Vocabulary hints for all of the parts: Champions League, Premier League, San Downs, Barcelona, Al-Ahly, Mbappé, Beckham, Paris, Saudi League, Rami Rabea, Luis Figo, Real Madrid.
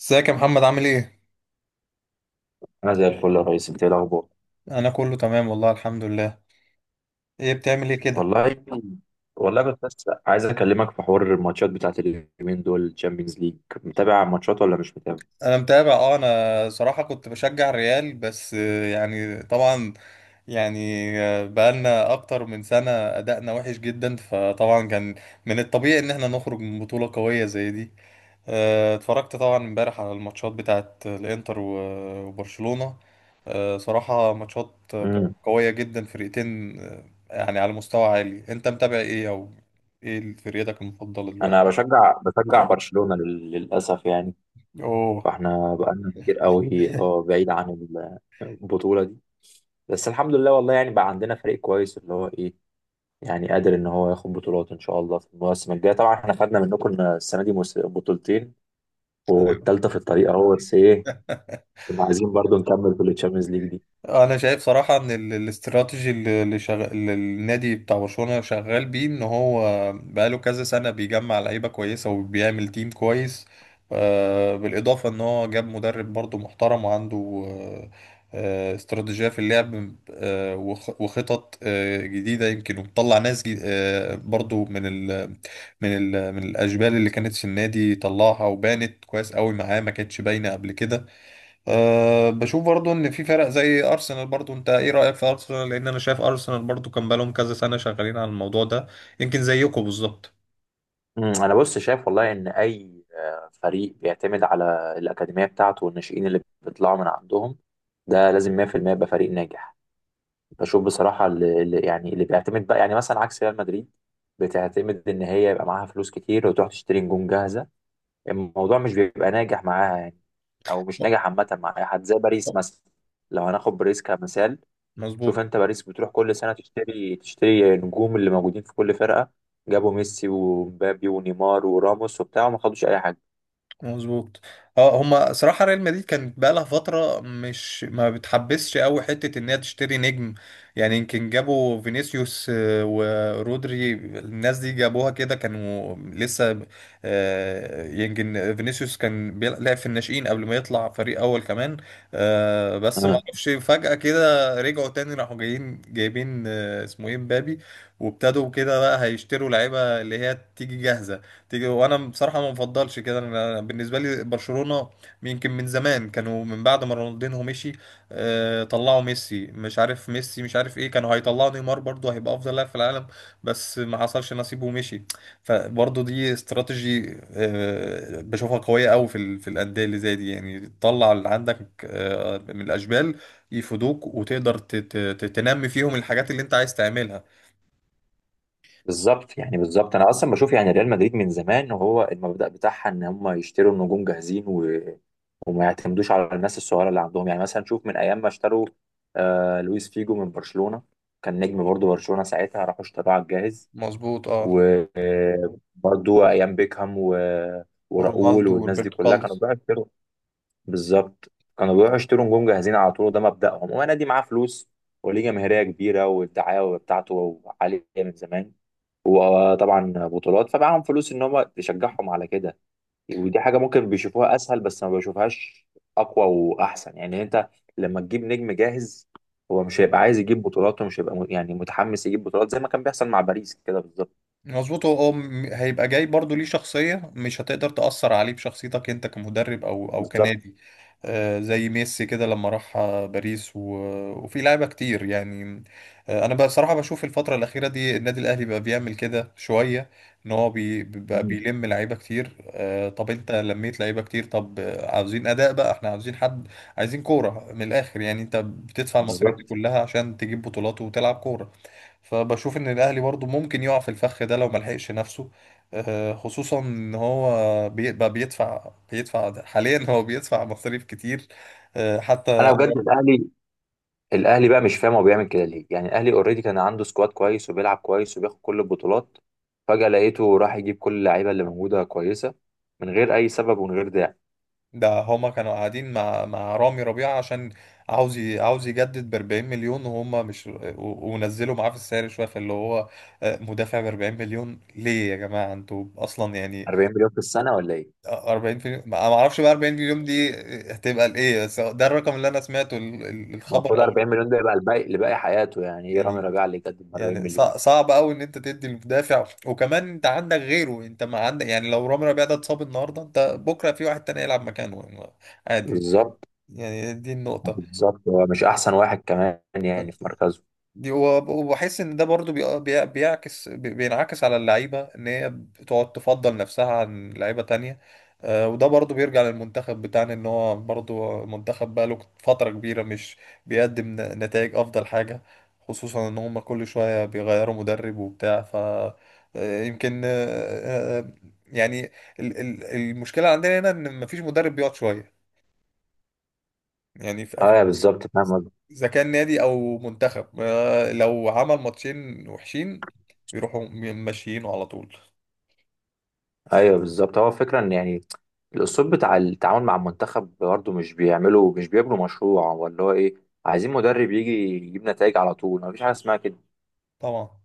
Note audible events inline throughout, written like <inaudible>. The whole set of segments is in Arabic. ازيك يا محمد، عامل ايه؟ انا زي الفل يا ريس، انت ايه الاخبار؟ انا كله تمام والله، الحمد لله. ايه بتعمل ايه كده؟ والله والله كنت بس عايز اكلمك في حوار الماتشات بتاعت اليومين دول، تشامبيونز ليج. متابع ماتشات ولا مش متابع؟ انا متابع، انا صراحة كنت بشجع الريال، بس طبعا. يعني بقالنا اكتر من سنة ادائنا وحش جدا، فطبعا كان من الطبيعي ان احنا نخرج من بطولة قوية زي دي. اتفرجت طبعا امبارح على الماتشات بتاعت الانتر و- وبرشلونة. صراحة ماتشات امم قوية جدا، فرقتين يعني على مستوى عالي. انت متابع ايه، او ايه فرقتك المفضلة انا دلوقتي؟ بشجع برشلونة للاسف يعني. اوه. فاحنا بقالنا كتير قوي اه بعيد عن البطولة دي. بس الحمد لله والله، يعني بقى عندنا فريق كويس، اللي هو ايه، يعني قادر ان هو ياخد بطولات ان شاء الله في المواسم الجاية. طبعا احنا خدنا منكم السنة دي بطولتين والتالتة في الطريق اهو، بس ايه، كنا عايزين برضو نكمل في التشامبيونز ليج دي. انا شايف صراحه ان الاستراتيجي اللي النادي بتاع برشلونه شغال بيه، ان هو بقاله كذا سنه بيجمع لعيبه كويسه وبيعمل تيم كويس. بالاضافه ان هو جاب مدرب برضو محترم، وعنده آه، استراتيجيه في اللعب، وخطط جديده يمكن، وطلع ناس برضو من الاشبال اللي كانت في النادي طلعها، وبانت كويس قوي معاه، ما كانتش باينه قبل كده. بشوف برضو ان في فرق زي ارسنال. برضو انت ايه رايك في ارسنال؟ لان انا شايف ارسنال برضو كان بقالهم كذا سنه شغالين على الموضوع ده، يمكن زيكم بالظبط. انا بص شايف والله ان اي فريق بيعتمد على الاكاديميه بتاعته والناشئين اللي بيطلعوا من عندهم، ده لازم 100% يبقى فريق ناجح. بشوف بصراحه يعني اللي بيعتمد بقى، يعني مثلا عكس ريال مدريد، بتعتمد ان هي يبقى معاها فلوس كتير وتروح تشتري نجوم جاهزه. الموضوع مش بيبقى ناجح معاها يعني، او مش ناجح عامه مع اي حد، زي باريس مثلا. لو هناخد باريس كمثال، شوف مظبوط، انت، باريس بتروح كل سنه تشتري النجوم اللي موجودين في كل فرقه. جابوا ميسي ومبابي ونيمار وراموس وبتاع، وما خدوش اي حاجه. مظبوط. اه، هما صراحة ريال مدريد كانت بقالها فترة مش ما بتحبسش قوي حتة ان هي تشتري نجم، يعني. يمكن جابوا فينيسيوس ورودري، الناس دي جابوها كده، كانوا لسه يمكن فينيسيوس كان لعب في الناشئين قبل ما يطلع فريق اول كمان. بس ما اه اعرفش، فجأة كده رجعوا تاني، راحوا جايين جايبين اسمه ايه، مبابي، وابتدوا كده بقى هيشتروا لعيبة اللي هي تيجي جاهزة. تيجي. وانا بصراحه ما بفضلش كده. أنا بالنسبه لي برشلونه يمكن من زمان، كانوا من بعد ما رونالدينو مشي طلعوا ميسي، مش عارف ميسي مش عارف ايه. كانوا هيطلعوا نيمار برضه، هيبقى افضل لاعب في العالم، بس ما حصلش نصيبه ومشي. فبرضه دي استراتيجي بشوفها قويه قوي في الانديه اللي زي دي. يعني تطلع اللي عندك من الاشبال يفيدوك، وتقدر تنمي فيهم الحاجات اللي انت عايز تعملها. بالظبط، يعني بالظبط انا اصلا بشوف، يعني ريال مدريد من زمان وهو المبدأ بتاعها ان هم يشتروا النجوم جاهزين، و... وما يعتمدوش على الناس الصغيره اللي عندهم. يعني مثلا شوف، من ايام ما اشتروا آه لويس فيجو من برشلونه، كان نجم برضه برشلونه ساعتها، راحوا اشتروه على الجاهز. مظبوط، اه. وبرضه ايام بيكهام، و... وراؤول ورونالدو والناس دي وروبرتو كلها، كارلوس. كانوا بقى بالظبط كانوا بيروحوا يشتروا نجوم جاهزين على طول. وده مبدأهم، ونادي معاه فلوس وليه جماهيرية كبيرة والدعاية بتاعته عالية من زمان وطبعا بطولات، فمعاهم فلوس ان هم تشجعهم على كده. ودي حاجة ممكن بيشوفوها اسهل، بس ما بيشوفهاش اقوى واحسن. يعني انت لما تجيب نجم جاهز، هو مش هيبقى عايز يجيب بطولات، ومش هيبقى يعني متحمس يجيب بطولات، زي ما كان بيحصل مع باريس كده بالظبط. مظبوط. هو هيبقى جاي برضو ليه شخصية، مش هتقدر تأثر عليه بشخصيتك انت، كمدرب او بالظبط. كنادي. زي ميسي كده لما راح باريس، و... وفي لعيبة كتير يعني. انا بصراحة بشوف الفترة الأخيرة دي النادي الأهلي بقى بيعمل كده شوية، ان هو بقى مم. بيلم لعيبة كتير. طب انت لميت لعيبة كتير، طب عاوزين أداء بقى، احنا عاوزين حد، عايزين كورة من الآخر. يعني انت بتدفع المصاريف دي بالظبط. كلها عشان تجيب بطولات وتلعب كورة. فبشوف ان الاهلي برضو ممكن يقع في الفخ ده لو ملحقش نفسه، خصوصا ان هو بقى بيدفع ده حاليا. <laughs> هو بيدفع مصاريف كتير انا حتى. بجد الاهلي، الاهلي بقى مش فاهم هو بيعمل كده ليه. يعني الاهلي اوريدي كان عنده سكواد كويس وبيلعب كويس وبياخد كل البطولات. فجأة لقيته راح يجيب كل اللعيبه اللي موجوده كويسه، من غير اي سبب ومن غير داعي. ده هما كانوا قاعدين مع رامي ربيعة، عشان عاوز يجدد ب 40 مليون، وهم مش ونزلوا معاه في السعر شويه. فاللي هو مدافع ب 40 مليون ليه يا جماعه؟ انتوا اصلا يعني. 40 مليون في السنه ولا ايه؟ 40 مليون ما اعرفش بقى، 40 مليون دي هتبقى لايه، بس ده الرقم اللي انا سمعته، الخبر المفروض او. 40 مليون ده يبقى الباقي لباقي حياته، يعني ايه رامي يعني ربيعه اللي يقدم 40 مليون؟ صعب قوي ان انت تدي المدافع، وكمان انت عندك غيره، انت ما عندك. يعني لو رامي ربيعه ده اتصاب النهارده، انت بكره في واحد تاني يلعب مكانه يعني، عادي. بالظبط. يعني دي النقطه. بالظبط، هو مش احسن واحد كمان يعني في مركزه. دي، وبحس ان ده برضو بينعكس على اللعيبه، ان هي بتقعد تفضل نفسها عن لعيبه تانية. وده برضو بيرجع للمنتخب بتاعنا، ان هو برضو منتخب بقاله فتره كبيره مش بيقدم نتائج افضل حاجه. خصوصا ان هم كل شويه بيغيروا مدرب وبتاع. ف آه، يمكن آه، آه، يعني ال- ال- المشكله عندنا هنا ان مفيش مدرب بيقعد شويه، يعني. ايوه بالظبط، فاهم قصدك. اذا كان نادي او منتخب، لو عمل ماتشين وحشين، بيروحوا ماشيينه على طول. ايوه بالظبط، هو الفكره ان يعني الاسلوب بتاع التعامل مع المنتخب برضه، مش بيعملوا، مش بيبنوا مشروع ولا هو ايه، عايزين مدرب يجي يجيب نتائج على طول، مفيش حاجه اسمها كده. طبعا،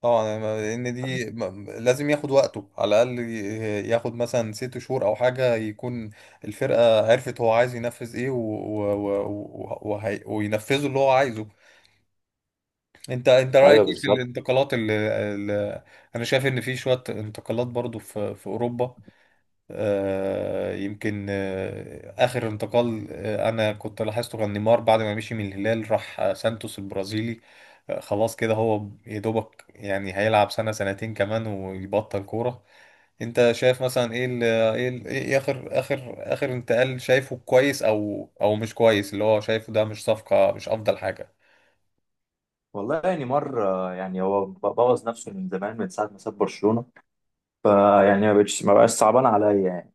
طبعا. لان دي ف- لازم ياخد وقته، على الاقل ياخد مثلا ست شهور او حاجه، يكون الفرقه عرفت هو عايز ينفذ ايه، وينفذوا اللي هو عايزه. انت رايك ايوه ايه في بالظبط. الانتقالات اللي... انا شايف ان في شويه انتقالات برضو في اوروبا. آه، يمكن آه، آخر انتقال أنا كنت لاحظته كان نيمار، بعد ما مشي من الهلال راح سانتوس البرازيلي. خلاص كده، هو يا دوبك يعني هيلعب سنة سنتين كمان ويبطل كورة. أنت شايف مثلا إيه، ال إيه, ال إيه آخر آخر آخر انتقال شايفه كويس أو مش كويس؟ اللي هو شايفه ده مش صفقة، مش أفضل حاجة. والله يعني مرة، يعني هو بوظ نفسه من زمان، من ساعة ما ساب برشلونة. فيعني ما بقاش صعبان عليا يعني،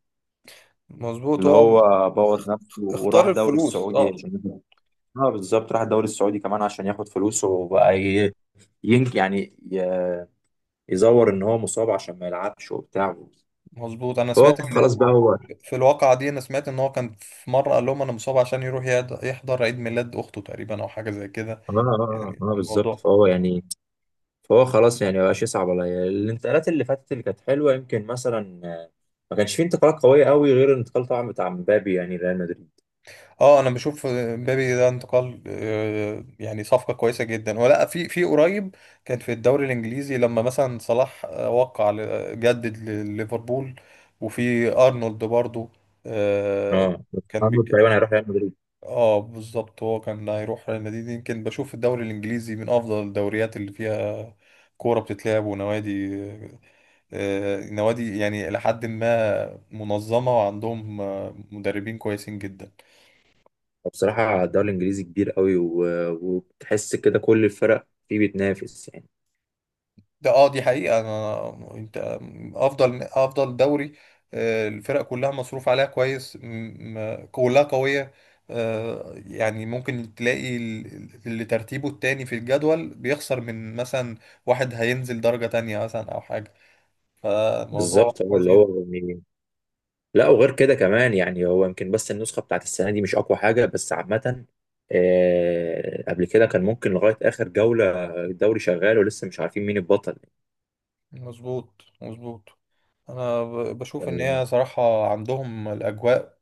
مظبوط. اللي هو هو اخ- بوظ نفسه وراح اختار دوري الفلوس، السعودي اه. عشان، اه بالظبط، راح الدوري السعودي كمان عشان ياخد فلوسه. وبقى ين يعني ي- يزور ان هو مصاب عشان ما يلعبش وبتاع. مظبوط. أنا هو سمعت إن خلاص بقى هو، في الواقعة دي أنا سمعت إن هو كان في مرة قال لهم أنا مصاب، عشان يروح يحضر عيد ميلاد أخته تقريبا، أو حاجة زي كده. اه اه يعني اه آه، بالظبط. الموضوع. فهو يعني، فهو خلاص، يعني مبقاش يصعب عليا الانتقالات اللي فاتت اللي كانت حلوه. يمكن مثلا ما كانش فيه انتقالات قويه قوي غير الانتقال طبعا بتاع مبابي، يعني ريال مدريد. أنا بشوف مبابي ده انتقال يعني صفقة كويسة جدا، ولا في قريب كان في الدوري الإنجليزي لما مثلا صلاح جدد لليفربول، وفي أرنولد برضو آه، اه، كان بي... محمد تقريبا هيروح ريال مدريد. اه بالظبط، هو كان هيروح ريال مدريد. يمكن بشوف الدوري الانجليزي من افضل الدوريات اللي فيها كورة بتتلعب ونوادي آه، نوادي، يعني لحد ما منظمة، وعندهم مدربين كويسين جدا. بصراحه الدوري الانجليزي كبير قوي، و- وتحس كده كل الفرق فيه بتنافس يعني. ده اه، دي حقيقة. انا انت افضل، افضل دوري. الفرق كلها مصروف عليها كويس، كلها قوية. يعني ممكن تلاقي اللي ترتيبه التاني في الجدول بيخسر من مثلا واحد هينزل درجة تانية مثلا، او حاجة. فالموضوع بالظبط. هو كويس اللي جدا. هو يعني، لا وغير كده كمان، يعني هو يمكن بس النسخة بتاعت السنة دي مش أقوى حاجة، بس عامة قبل كده كان ممكن لغاية آخر جولة الدوري شغال ولسه مش عارفين مين البطل. مظبوط، مظبوط. انا بشوف ان هي صراحة عندهم الاجواء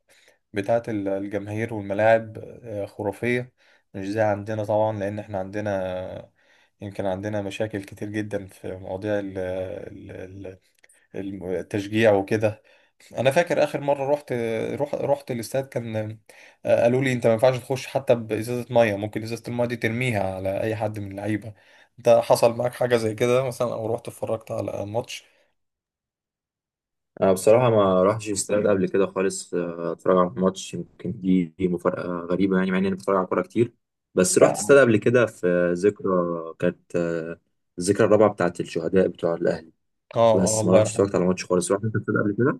بتاعة الجماهير والملاعب خرافية، مش زي عندنا طبعا. لأن احنا عندنا يمكن عندنا مشاكل كتير جدا في مواضيع التشجيع وكده. أنا فاكر آخر مرة رحت الاستاد، كان قالوا لي أنت ما ينفعش تخش حتى بإزازة مية، ممكن إزازة المية دي ترميها على أي حد من اللعيبة. أنت حصل معاك حاجة زي كده مثلا، أو رحت اتفرجت على ماتش؟ أنا بصراحة ما راحش استاد قبل كده خالص أتفرج على ماتش، يمكن دي مفارقة غريبة يعني مع إني أنا بتفرج على كورة كتير. بس رحت لا. استاد قبل كده في ذكرى، كانت الذكرى الرابعة بتاعت الشهداء بتوع الأهلي. اه، اه، بس ما الله رحتش يرحمه. اتفرجت على ماتش خالص. رحت أنت استاد قبل كده؟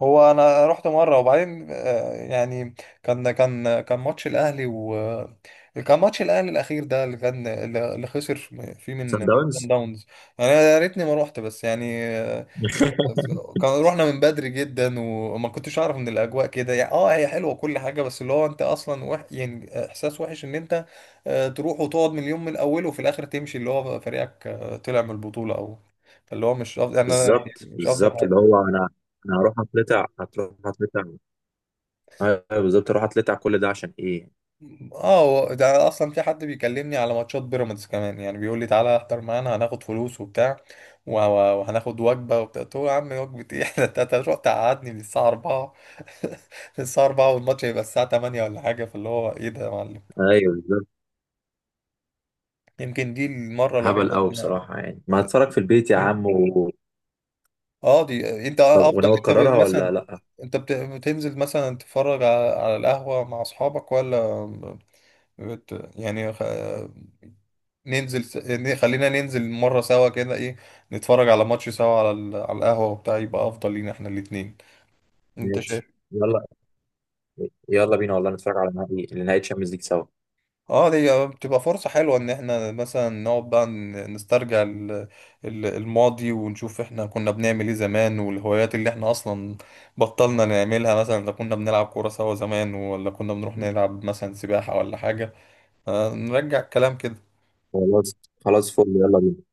هو انا رحت مره، وبعدين كان ماتش الاهلي، و كان ماتش الاهلي الاخير ده اللي كان، اللي خسر فيه من سان من داونز. صن داونز. يعني يا ريتني ما روحت، بس <laughs> كان رحنا من بدري جدا، وما كنتش اعرف ان الاجواء كده. يعني اه، هي حلوه كل حاجه، بس اللي هو انت اصلا وح... يعني احساس وحش، ان انت تروح وتقعد من اليوم من اوله، وفي الاخر تمشي اللي هو فريقك طلع من البطوله، او اللي هو مش افضل يعني. انا يعني بالظبط، مش افضل. بالظبط، اللي هو انا، انا هروح اتلتع، هتروح هتلتع؟ ايوه بالظبط، اروح اتلتع كل ده عشان ايه؟ اه، هو ده اصلا. في حد بيكلمني على ماتشات بيراميدز كمان يعني، بيقول لي تعالى احضر معانا، هناخد فلوس وبتاع و- و- وهناخد وجبه وبتاع. قلت له يا عم، وجبه ايه؟ <laughs> ده انت أنت هتروح تقعدني من الساعه 4، <laughs> الساعه 4 والماتش هيبقى الساعه 8 ولا حاجه. فاللي هو ايه ده يا معلم؟ ايوه بالظبط، يمكن دي المره هبل الوحيده اللي قوي انا بصراحه يعني، ما هتفرج في البيت يا عم. و... دي. انت طب افضل، وناوي انت تكررها ولا لا؟ بتنزل مثلا تتفرج على القهوه مع اصحابك، ولا بت... يعني ننزل س... ن- خلينا ننزل مرة سوا كده، ايه. نتفرج على ماتش سوا على على القهوة وبتاع، يبقى افضل لينا احنا الاتنين. انت شايف؟ ماشي. يلا، يلا بينا والله نتفرج على نهائي، نهائي تشامبيونز ليج سوا. اه، دي بتبقى فرصة حلوة ان احنا مثلا نقعد بقى نسترجع الماضي، ونشوف احنا كنا بنعمل ايه زمان، والهوايات اللي احنا اصلا بطلنا نعملها، مثلا لو كنا بنلعب كورة سوا زمان، ولا كنا بنروح نلعب مثلا سباحة ولا حاجة. نرجع الكلام كده. خلاص، خلاص فل، يلا بينا.